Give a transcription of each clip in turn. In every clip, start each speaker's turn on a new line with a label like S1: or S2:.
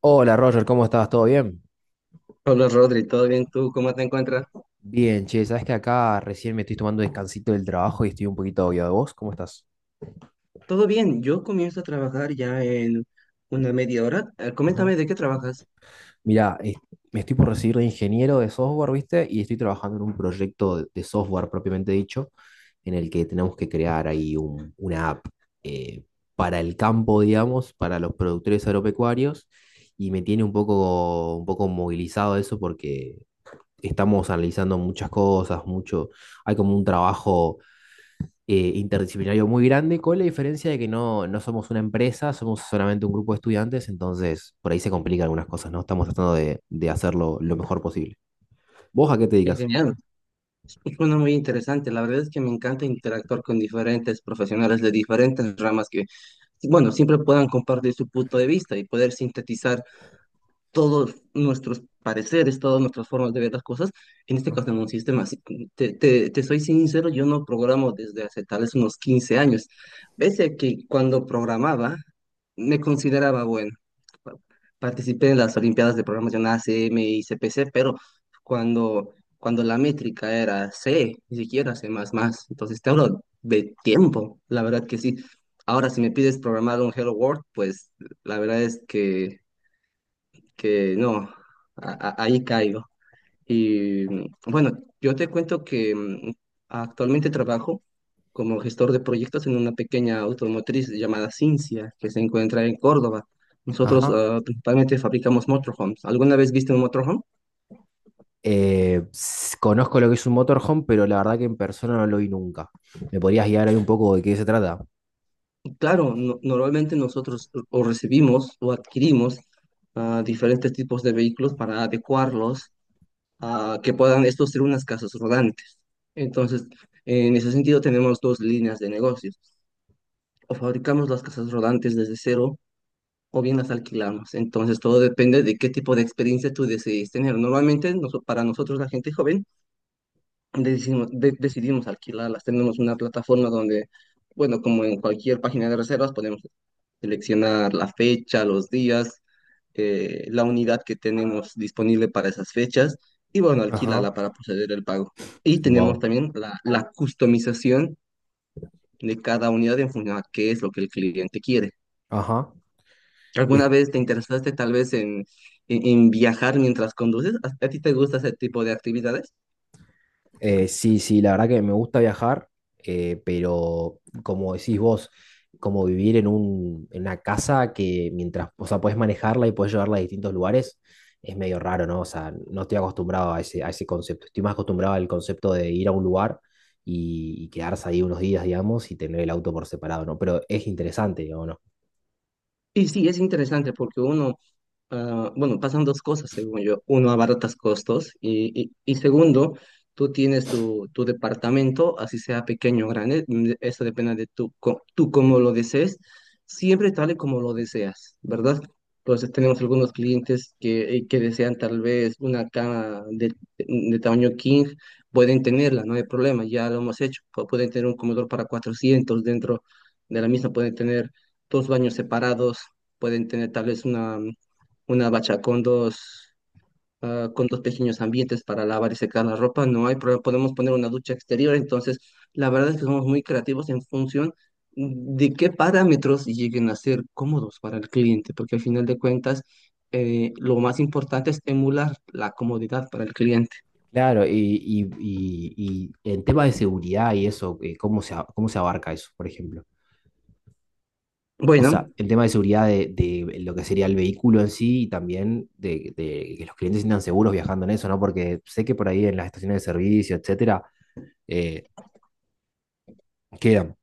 S1: Hola Roger, ¿cómo estás? ¿Todo bien?
S2: Hola Rodri, ¿todo bien? ¿Tú cómo te encuentras?
S1: Bien, che, sabes que acá recién me estoy tomando descansito del trabajo y estoy un poquito obvio de vos. ¿Cómo estás?
S2: Todo bien, yo comienzo a trabajar ya en una media hora.
S1: Ajá.
S2: Coméntame de qué trabajas.
S1: Mirá, me estoy por recibir de ingeniero de software, ¿viste? Y estoy trabajando en un proyecto de software propiamente dicho, en el que tenemos que crear ahí una app eh, para el campo, digamos, para los productores agropecuarios. Y me tiene un poco movilizado eso porque estamos analizando muchas cosas, mucho, hay como un trabajo interdisciplinario muy grande, con la diferencia de que no somos una empresa, somos solamente un grupo de estudiantes, entonces por ahí se complican algunas cosas, ¿no? Estamos tratando de hacerlo lo mejor posible. ¿Vos a qué te
S2: Es
S1: dedicas?
S2: genial. Suena muy interesante. La verdad es que me encanta interactuar con diferentes profesionales de diferentes ramas que, bueno, siempre puedan compartir su punto de vista y poder sintetizar todos nuestros pareceres, todas nuestras formas de ver las cosas, en este caso en un sistema. Así, te soy sincero, yo no programo desde hace tal vez unos 15 años, pese a que cuando programaba me consideraba bueno. Pa- Participé en las Olimpiadas de Programación ACM y CPC, pero cuando la métrica era C, ni siquiera C++, entonces te hablo de tiempo, la verdad que sí. Ahora, si me pides programar un Hello World, pues la verdad es que no, ahí caigo. Y bueno, yo te cuento que actualmente trabajo como gestor de proyectos en una pequeña automotriz llamada Cincia, que se encuentra en Córdoba. Nosotros
S1: Ajá.
S2: principalmente fabricamos motorhomes. ¿Alguna vez viste un motorhome?
S1: Conozco lo que es un motorhome, pero la verdad que en persona no lo vi nunca. ¿Me podrías guiar ahí un poco de qué se trata?
S2: Claro, normalmente nosotros o recibimos o adquirimos diferentes tipos de vehículos para adecuarlos a que puedan estos ser unas casas rodantes. Entonces, en ese sentido tenemos dos líneas de negocios. O fabricamos las casas rodantes desde cero o bien las alquilamos. Entonces, todo depende de qué tipo de experiencia tú decidís tener. Normalmente, para nosotros, la gente joven, decidimos alquilarlas. Tenemos una plataforma donde, bueno, como en cualquier página de reservas, podemos seleccionar la fecha, los días la unidad que tenemos disponible para esas fechas y bueno,
S1: Ajá.
S2: alquílala para proceder el pago. Y tenemos
S1: Wow.
S2: también la customización de cada unidad en función a qué es lo que el cliente quiere.
S1: Ajá.
S2: ¿Alguna vez te interesaste tal vez en, en viajar mientras conduces? A ti te gusta ese tipo de actividades?
S1: Sí, sí, la verdad que me gusta viajar, pero como decís vos, como vivir en en una casa que mientras, o sea, podés manejarla y podés llevarla a distintos lugares, es medio raro, ¿no? O sea, no estoy acostumbrado a a ese concepto. Estoy más acostumbrado al concepto de ir a un lugar y quedarse ahí unos días, digamos, y tener el auto por separado, ¿no? Pero es interesante, digamos, ¿no?
S2: Y sí, es interesante porque uno bueno, pasan dos cosas, según yo. Uno, abaratas costos y segundo, tú tienes tu departamento, así sea pequeño o grande, eso depende de tú cómo lo desees, siempre tal y como lo deseas, ¿verdad? Entonces tenemos algunos clientes que desean tal vez una cama de tamaño king, pueden tenerla, no hay problema, ya lo hemos hecho. Pueden tener un comedor para 400 dentro de la misma, pueden tener dos baños separados, pueden tener una bacha con con dos pequeños ambientes para lavar y secar la ropa, no hay problema, podemos poner una ducha exterior, entonces la verdad es que somos muy creativos en función de qué parámetros lleguen a ser cómodos para el cliente, porque al final de cuentas lo más importante es emular la comodidad para el cliente.
S1: Claro, y en temas de seguridad y eso, ¿cómo se, cómo se abarca eso, por ejemplo? O sea,
S2: Bueno,
S1: el tema de seguridad de lo que sería el vehículo en sí y también de que los clientes se sientan seguros viajando en eso, ¿no? Porque sé que por ahí en las estaciones de servicio, etcétera, eh, quedan,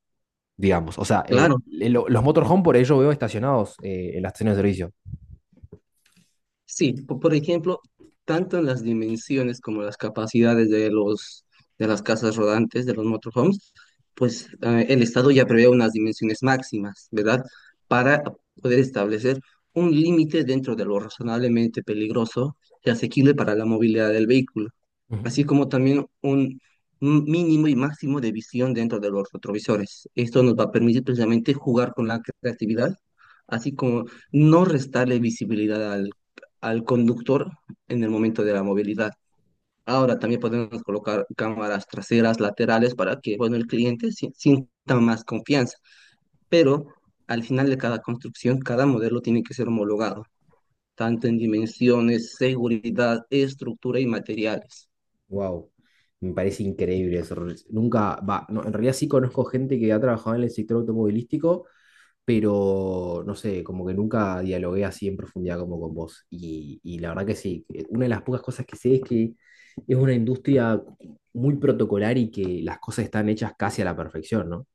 S1: digamos. O sea,
S2: claro.
S1: los motorhome por ello veo estacionados en las estaciones de servicio.
S2: Sí, por ejemplo, tanto en las dimensiones como las capacidades de los de las casas rodantes, de los motorhomes, pues el Estado ya prevé unas dimensiones máximas, ¿verdad? Para poder establecer un límite dentro de lo razonablemente peligroso y asequible para la movilidad del vehículo así
S1: Ujú.
S2: como también un mínimo y máximo de visión dentro de los retrovisores. Esto nos va a permitir precisamente jugar con la creatividad, así como no restarle visibilidad al, al conductor en el momento de la movilidad. Ahora también podemos colocar cámaras traseras, laterales, para que, bueno, el cliente sienta más confianza. Pero al final de cada construcción, cada modelo tiene que ser homologado, tanto en dimensiones, seguridad, estructura y materiales.
S1: Wow, me parece increíble eso. Nunca, va, no, en realidad sí conozco gente que ha trabajado en el sector automovilístico pero no sé, como que nunca dialogué así en profundidad como con vos. Y la verdad que sí, que una de las pocas cosas que sé es que es una industria muy protocolar y que las cosas están hechas casi a la perfección, ¿no?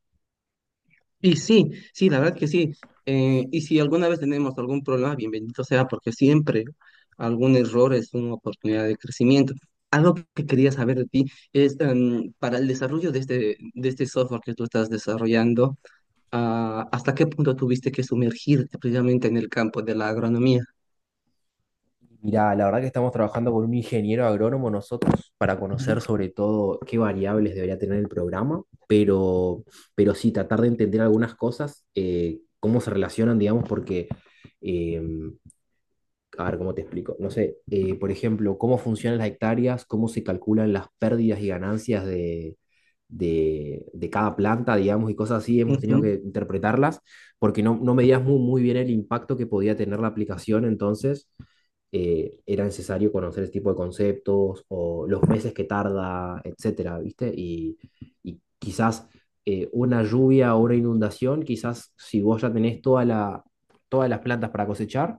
S2: Y sí, la verdad que sí. Y si alguna vez tenemos algún problema, bienvenido sea, porque siempre algún error es una oportunidad de crecimiento. Algo que quería saber de ti es, para el desarrollo de de este software que tú estás desarrollando, ¿hasta qué punto tuviste que sumergirte precisamente en el campo de la agronomía?
S1: Mira, la verdad que estamos trabajando con un ingeniero agrónomo nosotros para
S2: Ujú,
S1: conocer sobre todo qué variables debería tener el programa, pero sí tratar de entender algunas cosas, cómo se relacionan, digamos, porque em, a ver, ¿cómo te explico? No sé, por ejemplo, cómo funcionan las hectáreas, cómo se calculan las pérdidas y ganancias de cada planta, digamos, y cosas así, hemos tenido
S2: ujú.
S1: que interpretarlas, porque no, no medías muy, muy bien el impacto que podía tener la aplicación, entonces era necesario conocer ese tipo de conceptos o los meses que tarda, etcétera, ¿viste? Y quizás una lluvia o una inundación, quizás si vos ya tenés toda todas las plantas para cosechar,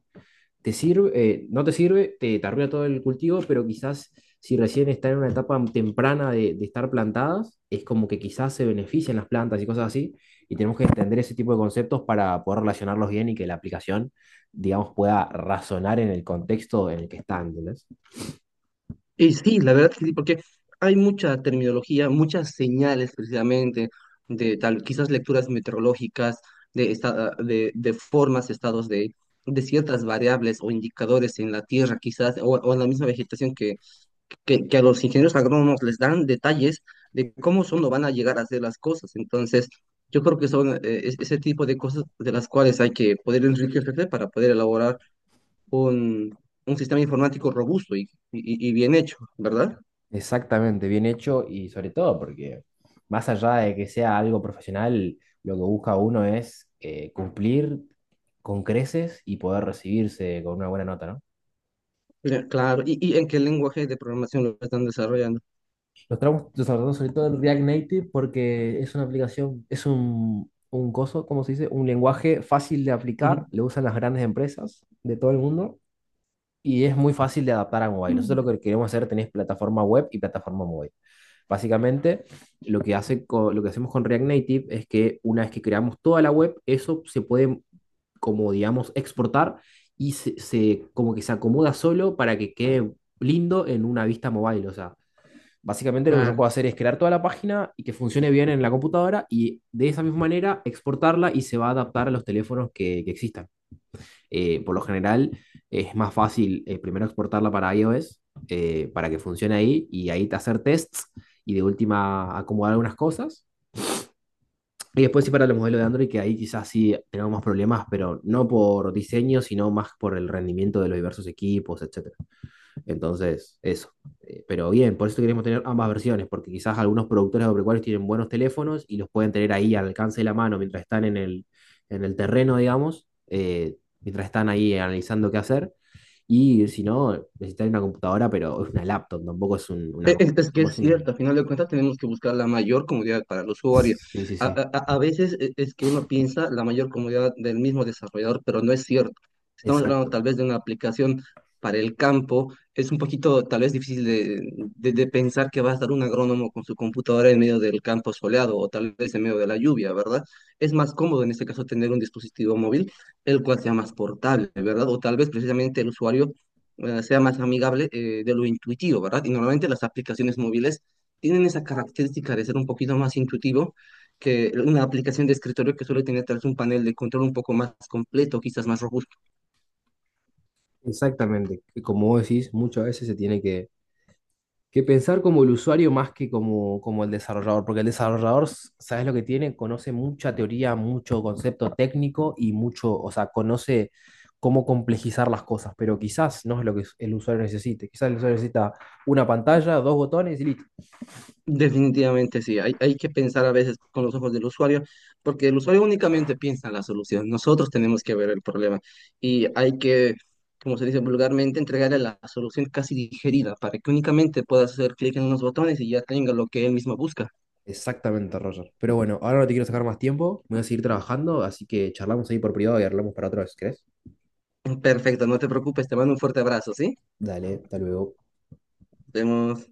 S1: te sirve, no te sirve, te arruina todo el cultivo, pero quizás si recién está en una etapa temprana de estar plantadas, es como que quizás se benefician las plantas y cosas así, y tenemos que entender ese tipo de conceptos para poder relacionarlos bien y que la aplicación, digamos, pueda razonar en el contexto en el que están. ¿Entendés?
S2: Y sí, la verdad que sí, porque hay mucha terminología, muchas señales precisamente de tal, quizás lecturas meteorológicas, de formas, estados de ciertas variables o indicadores en la tierra, quizás, o en la misma vegetación que, que a los ingenieros agrónomos les dan detalles de cómo son o van a llegar a hacer las cosas. Entonces, yo creo que son ese tipo de cosas de las cuales hay que poder enriquecerse para poder elaborar un, un sistema informático robusto y bien hecho, ¿verdad?
S1: Exactamente, bien hecho y sobre todo porque más allá de que sea algo profesional, lo que busca uno es cumplir con creces y poder recibirse con una buena nota, ¿no?
S2: Ya, claro, ¿y, y en qué lenguaje de programación lo están desarrollando?
S1: Lo estamos lo sobre todo en React Native porque es una aplicación, es un coso, ¿cómo se dice? Un lenguaje fácil de
S2: Ujú,
S1: aplicar, lo usan las grandes empresas de todo el mundo y es muy fácil de adaptar a mobile. Nosotros lo que queremos hacer tenéis plataforma web y plataforma mobile. Básicamente, lo que lo que hacemos con React Native es que una vez que creamos toda la web, eso se puede, como digamos, exportar y como que se acomoda solo para que quede lindo en una vista mobile. O sea, básicamente lo que yo
S2: claro.
S1: puedo hacer es crear toda la página y que funcione bien en la computadora y de esa misma manera exportarla y se va a adaptar a los teléfonos que existan. Por lo general es más fácil primero exportarla para iOS para que funcione ahí y ahí te hacer tests y de última acomodar algunas cosas. Y después sí para el modelo de Android, que ahí quizás sí tenemos más problemas, pero no por diseño, sino más por el rendimiento de los diversos equipos, etc. Entonces, eso. Pero bien, por eso queremos tener ambas versiones, porque quizás algunos productores agropecuarios tienen buenos teléfonos y los pueden tener ahí al alcance de la mano mientras están en el terreno, digamos, mientras están ahí analizando qué hacer. Y si no, necesitan una computadora, pero es una laptop, tampoco es un- una...
S2: Es que
S1: Tampoco
S2: es
S1: es un-
S2: cierto, a final de cuentas tenemos que buscar la mayor comodidad para el usuario.
S1: Sí, sí, sí.
S2: A veces es que uno piensa la mayor comodidad del mismo desarrollador, pero no es cierto. Si estamos hablando
S1: Exacto.
S2: tal vez de una aplicación para el campo. Es un poquito tal vez difícil de, de pensar que va a estar un agrónomo con su computadora en medio del campo soleado o tal vez en medio de la lluvia, ¿verdad? Es más cómodo en este caso tener un dispositivo móvil, el cual sea más portable, ¿verdad? O tal vez precisamente el usuario sea más amigable de lo intuitivo, ¿verdad? Y normalmente las aplicaciones móviles tienen esa característica de ser un poquito más intuitivo que una aplicación de escritorio que suele tener tal vez un panel de control un poco más completo, quizás más robusto.
S1: Exactamente. Como vos decís, muchas veces se tiene que pensar como el usuario más que como, como el desarrollador, porque el desarrollador, s- ¿sabes lo que tiene? Conoce mucha teoría, mucho concepto técnico y mucho, o sea, conoce cómo complejizar las cosas, pero quizás no es lo que el usuario necesite. Quizás el usuario necesita una pantalla, dos botones y listo.
S2: Definitivamente sí, hay que pensar a veces con los ojos del usuario, porque el usuario únicamente piensa en la solución, nosotros tenemos que ver el problema y hay que, como se dice vulgarmente, entregarle la solución casi digerida para que únicamente pueda hacer clic en unos botones y ya tenga lo que él mismo busca.
S1: Exactamente, Roger. Pero bueno, ahora no te quiero sacar más tiempo, me voy a seguir trabajando, así que charlamos ahí por privado y hablamos para otra vez, ¿crees?
S2: Perfecto, no te preocupes, te mando un fuerte abrazo, ¿sí?
S1: Dale, hasta luego.
S2: Nos vemos.